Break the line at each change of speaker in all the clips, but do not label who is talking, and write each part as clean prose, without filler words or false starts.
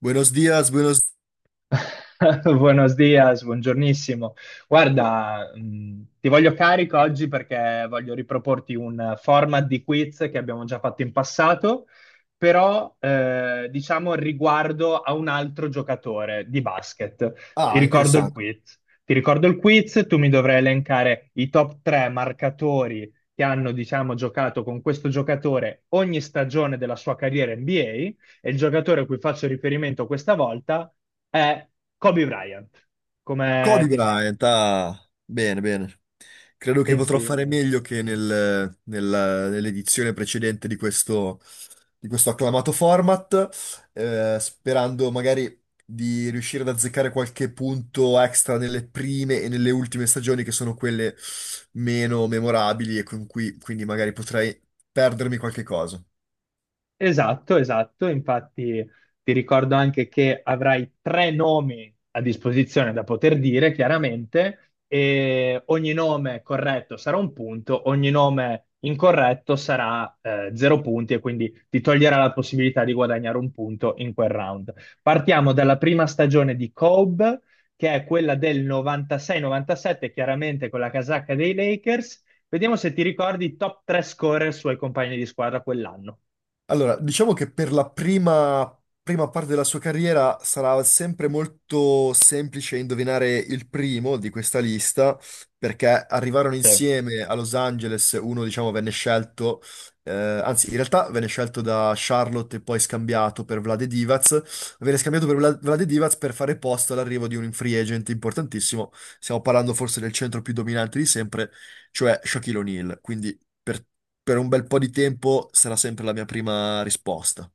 Buenos días.
Buenos dias, buongiornissimo. Guarda, ti voglio carico oggi perché voglio riproporti un format di quiz che abbiamo già fatto in passato, però diciamo riguardo a un altro giocatore di basket. Ti
Ah,
ricordo il
interessante.
quiz. Ti ricordo il quiz, tu mi dovrai elencare i top 3 marcatori che hanno, diciamo, giocato con questo giocatore ogni stagione della sua carriera NBA e il giocatore a cui faccio riferimento questa volta è Kobe Bryant. Come
Kobe
ti senti?
Bryant, ah, bene, bene. Credo che potrò
Pensi...
fare meglio che
Mm.
nell'edizione precedente di questo acclamato format, sperando magari di riuscire ad azzeccare qualche punto extra nelle prime e nelle ultime stagioni, che sono quelle meno memorabili e con cui quindi magari potrei perdermi qualche cosa.
Esatto, esatto. Infatti ti ricordo anche che avrai tre nomi a disposizione da poter dire, chiaramente, e ogni nome corretto sarà un punto, ogni nome incorretto sarà zero punti e quindi ti toglierà la possibilità di guadagnare un punto in quel round. Partiamo dalla prima stagione di Cobb, che è quella del 96-97, chiaramente con la casacca dei Lakers. Vediamo se ti ricordi i top 3 scorer suoi compagni di squadra quell'anno.
Allora, diciamo che per la prima parte della sua carriera sarà sempre molto semplice indovinare il primo di questa lista, perché arrivarono
Sì.
insieme a Los Angeles. Uno diciamo venne scelto, anzi, in realtà venne scelto da Charlotte e poi scambiato per Vlade Divac, venne scambiato per Vlade Divac per fare posto all'arrivo di un free agent importantissimo. Stiamo parlando forse del centro più dominante di sempre, cioè Shaquille O'Neal, quindi per un bel po' di tempo sarà sempre la mia prima risposta.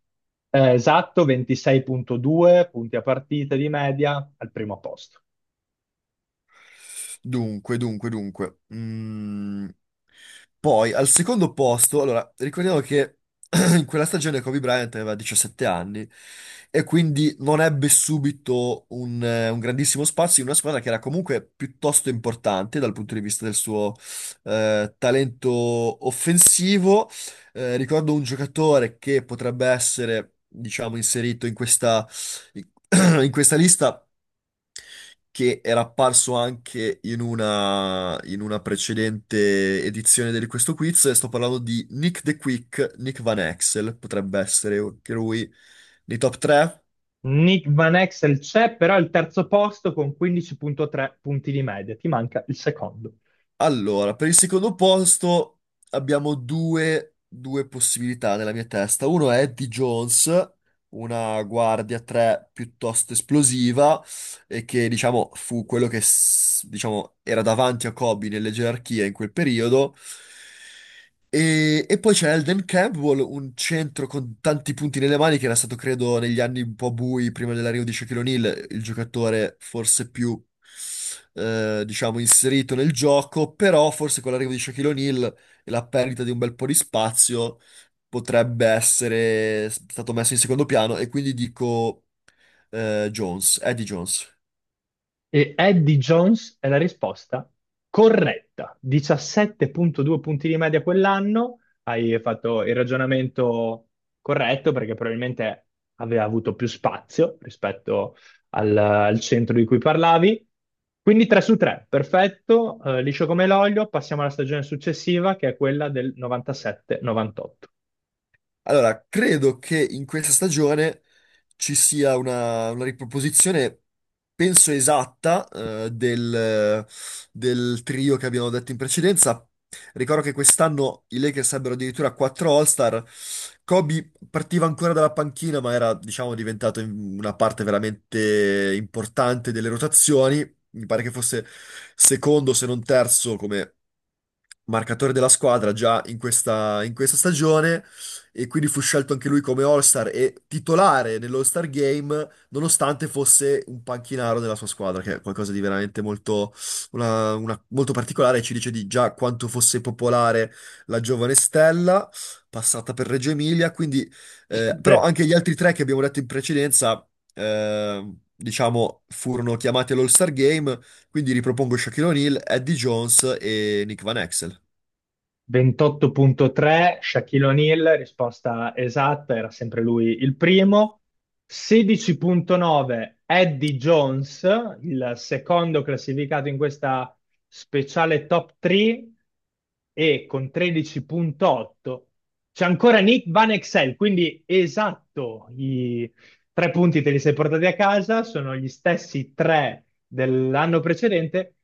Esatto, 26,2 punti a partita di media al primo posto.
Dunque, dunque, dunque. Poi al secondo posto, allora, ricordiamo che in quella stagione Kobe Bryant aveva 17 anni e quindi non ebbe subito un grandissimo spazio in una squadra che era comunque piuttosto importante dal punto di vista del suo talento offensivo. Ricordo un giocatore che potrebbe essere, diciamo, inserito in questa, in in questa lista, che era apparso anche in una precedente edizione di questo quiz. E sto parlando di Nick the Quick, Nick Van Exel. Potrebbe essere anche lui nei top 3.
Nick Van Exel c'è, però è il terzo posto con 15,3 punti di media, ti manca il secondo.
Allora, per il secondo posto abbiamo due possibilità nella mia testa. Uno è Eddie Jones, una guardia 3 piuttosto esplosiva, e che, diciamo, fu quello che, diciamo, era davanti a Kobe nelle gerarchie in quel periodo. E poi c'è Elden Campbell, un centro con tanti punti nelle mani, che era stato, credo, negli anni un po' bui prima dell'arrivo di Shaquille O'Neal, il giocatore forse più, diciamo, inserito nel gioco. Però forse con l'arrivo di Shaquille O'Neal e la perdita di un bel po' di spazio potrebbe essere stato messo in secondo piano, e quindi dico, Jones, Eddie Jones.
E Eddie Jones è la risposta corretta. 17,2 punti di media quell'anno. Hai fatto il ragionamento corretto perché probabilmente aveva avuto più spazio rispetto al centro di cui parlavi. Quindi 3 su 3, perfetto, liscio come l'olio. Passiamo alla stagione successiva che è quella del 97-98.
Allora, credo che in questa stagione ci sia una riproposizione, penso esatta, del trio che abbiamo detto in precedenza. Ricordo che quest'anno i Lakers ebbero addirittura quattro All-Star. Kobe partiva ancora dalla panchina, ma era, diciamo, diventato una parte veramente importante delle rotazioni. Mi pare che fosse secondo, se non terzo, come marcatore della squadra già in questa stagione, e quindi fu scelto anche lui come All-Star e titolare nell'All-Star Game nonostante fosse un panchinaro della sua squadra, che è qualcosa di veramente molto, molto particolare, e ci dice di già quanto fosse popolare la giovane stella passata per Reggio Emilia. Quindi
Sì.
però anche gli altri tre che abbiamo detto in precedenza, diciamo, furono chiamati all'All-Star Game, quindi ripropongo Shaquille O'Neal, Eddie Jones e Nick Van Exel.
28,3, Shaquille O'Neal, risposta esatta, era sempre lui il primo. 16,9, Eddie Jones, il secondo classificato in questa speciale top 3 e con 13,8 c'è ancora Nick Van Exel, quindi esatto. I tre punti te li sei portati a casa, sono gli stessi tre dell'anno precedente.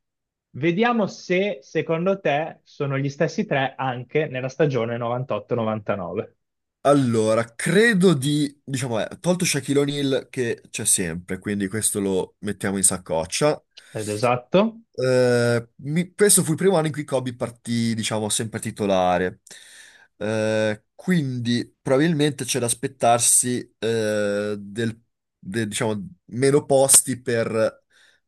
Vediamo se secondo te sono gli stessi tre anche nella stagione 98-99.
Allora, credo di, diciamo, tolto Shaquille O'Neal, che c'è sempre, quindi questo lo mettiamo in saccoccia.
Ed esatto.
Questo fu il primo anno in cui Kobe partì, diciamo, sempre titolare. Quindi probabilmente c'è da aspettarsi diciamo, meno posti per,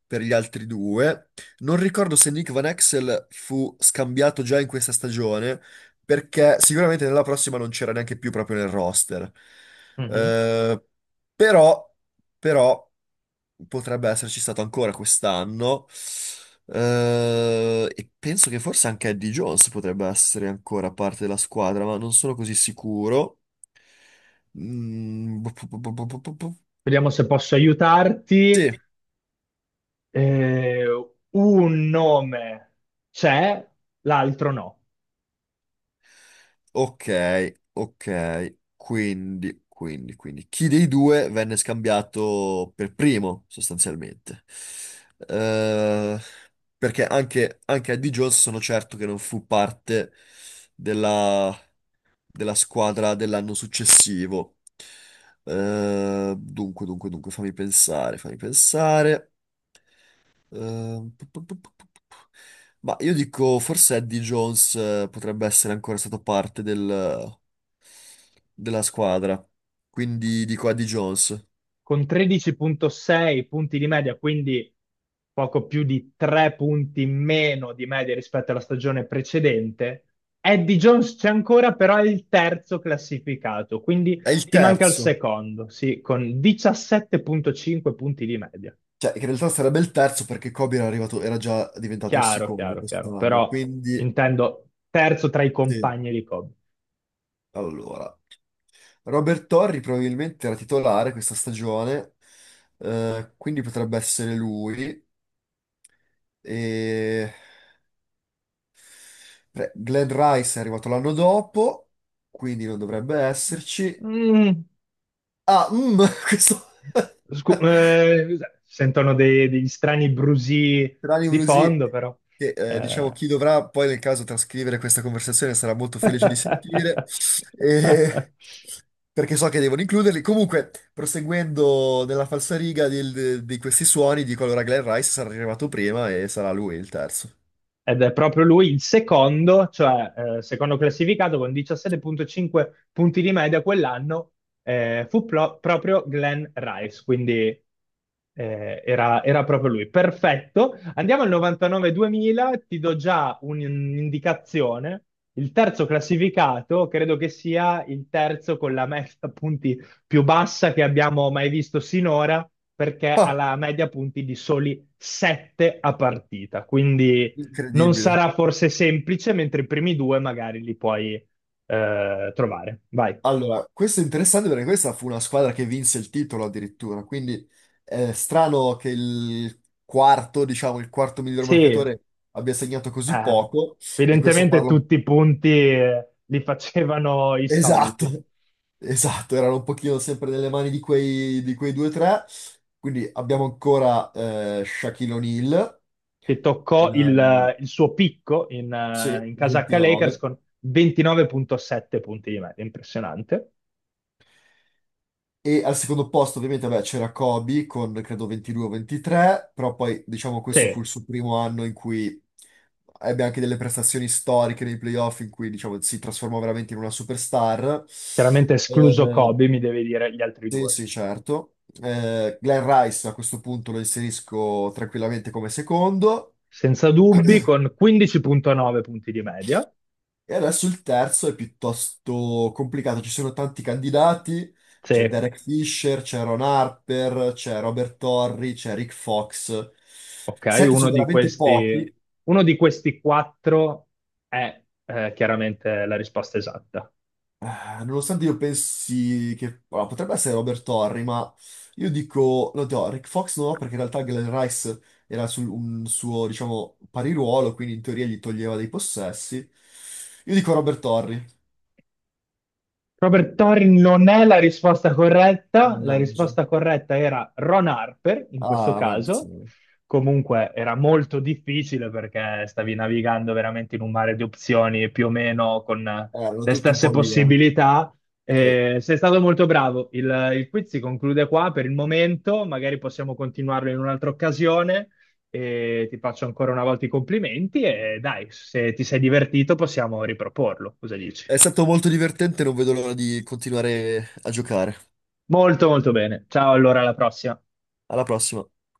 per gli altri due. Non ricordo se Nick Van Exel fu scambiato già in questa stagione, perché sicuramente nella prossima non c'era neanche più proprio nel roster.
Mhm.
Eh, però, però potrebbe esserci stato ancora quest'anno. E penso che forse anche Eddie Jones potrebbe essere ancora parte della squadra, ma non sono così sicuro. Mm, bu- bu- bu- bu- bu- bu- bu-
Vediamo se posso aiutarti.
Sì,
Eh, un nome c'è, l'altro no.
ok, ok. Quindi, quindi, quindi, chi dei due venne scambiato per primo, sostanzialmente? Eh, Perché anche Eddie Jones, sono certo che non fu parte della squadra dell'anno successivo. Dunque, dunque, dunque, fammi pensare, fammi pensare. Eh, pu- pu- pu- pu- pu- pu- ma io dico, forse Eddie Jones, potrebbe essere ancora stato parte della squadra. Quindi dico Eddie Jones.
Con 13,6 punti di media, quindi poco più di 3 punti in meno di media rispetto alla stagione precedente. Eddie Jones c'è ancora, però è il terzo classificato, quindi
È il
ti manca il
terzo.
secondo, sì, con 17,5 punti di media.
Cioè, in realtà sarebbe il terzo perché Kobe era arrivato, era già diventato il
Chiaro,
secondo
chiaro, chiaro,
quest'anno.
però
Quindi,
intendo terzo tra i
sì.
compagni di Kobe.
Allora. Robert Torri probabilmente era titolare questa stagione, quindi potrebbe essere lui. E beh, Glenn Rice è arrivato l'anno dopo, quindi non dovrebbe esserci.
Mm,
Ah, questo.
scu- eh, sentono degli strani brusì
Tranne
di
Brusì,
fondo, però.
che diciamo
Eh,
chi dovrà poi nel caso trascrivere questa conversazione sarà molto
Eh,
felice di sentire, e- perché so che devono includerli. Comunque, proseguendo nella falsariga di questi suoni, dico allora Glenn Rice sarà arrivato prima e sarà lui il terzo.
Ed è proprio lui il secondo, cioè secondo classificato con 17,5 punti di media quell'anno, fu proprio Glenn Rice, quindi era proprio lui. Perfetto. Andiamo al 99-2000, ti do già un'indicazione. Il terzo classificato credo che sia il terzo con la media punti più bassa che abbiamo mai visto sinora, perché ha
Ah,
la media punti di soli 7 a partita, quindi non
incredibile.
sarà forse semplice, mentre i primi due magari li puoi trovare. Vai.
Allora, questo è interessante perché questa fu una squadra che vinse il titolo addirittura, quindi è strano che il quarto, diciamo, il quarto miglior
Sì,
marcatore abbia segnato così poco, e questo
evidentemente
parla.
tutti i punti li facevano i soliti,
Esatto, esatto, erano un pochino sempre nelle mani di quei, due o tre. Quindi abbiamo ancora Shaquille O'Neal,
che toccò
eh,
il suo picco in, eh,
sì,
in casacca Lakers
29.
con 29,7 punti di media, impressionante.
E al secondo posto ovviamente vabbè, c'era Kobe con credo 22 o 23, però poi diciamo questo fu
Sì,
il suo primo anno in cui ebbe anche delle prestazioni storiche nei playoff, in cui diciamo si trasformò veramente in una superstar.
chiaramente escluso
Eh,
Kobe, mi devi dire gli altri
Sì,
due.
sì, certo. Glenn Rice a questo punto lo inserisco tranquillamente come secondo.
Senza dubbi, con 15,9 punti di media.
E adesso il terzo è piuttosto complicato. Ci sono tanti candidati. C'è
Sì,
Derek Fisher, c'è Ron Harper, c'è Robert Torrey, c'è Rick Fox.
ok,
Sette sono veramente pochi.
uno di questi quattro è chiaramente la risposta esatta.
Nonostante io pensi che, allora, potrebbe essere Robert Torri, ma io dico, no, dico, Rick Fox no, perché in realtà Glenn Rice era un suo, diciamo, pariruolo, quindi in teoria gli toglieva dei possessi. Io dico Robert Torri,
Robert Torrin non è la
mannaggia.
risposta corretta era Ron Harper in questo
Ah,
caso.
maledizione.
Comunque era molto difficile perché stavi navigando veramente in un mare di opzioni più o meno con
Erano
le
tutti un
stesse
po' lì, eh.
possibilità.
Sì.
Sei stato molto bravo. Il quiz si conclude qua per il momento, magari possiamo continuarlo in un'altra occasione. E ti faccio ancora una volta i complimenti e dai, se ti sei divertito possiamo riproporlo. Cosa dici?
È stato molto divertente, non vedo l'ora di continuare a giocare.
Molto molto bene. Ciao, allora alla prossima.
Alla prossima.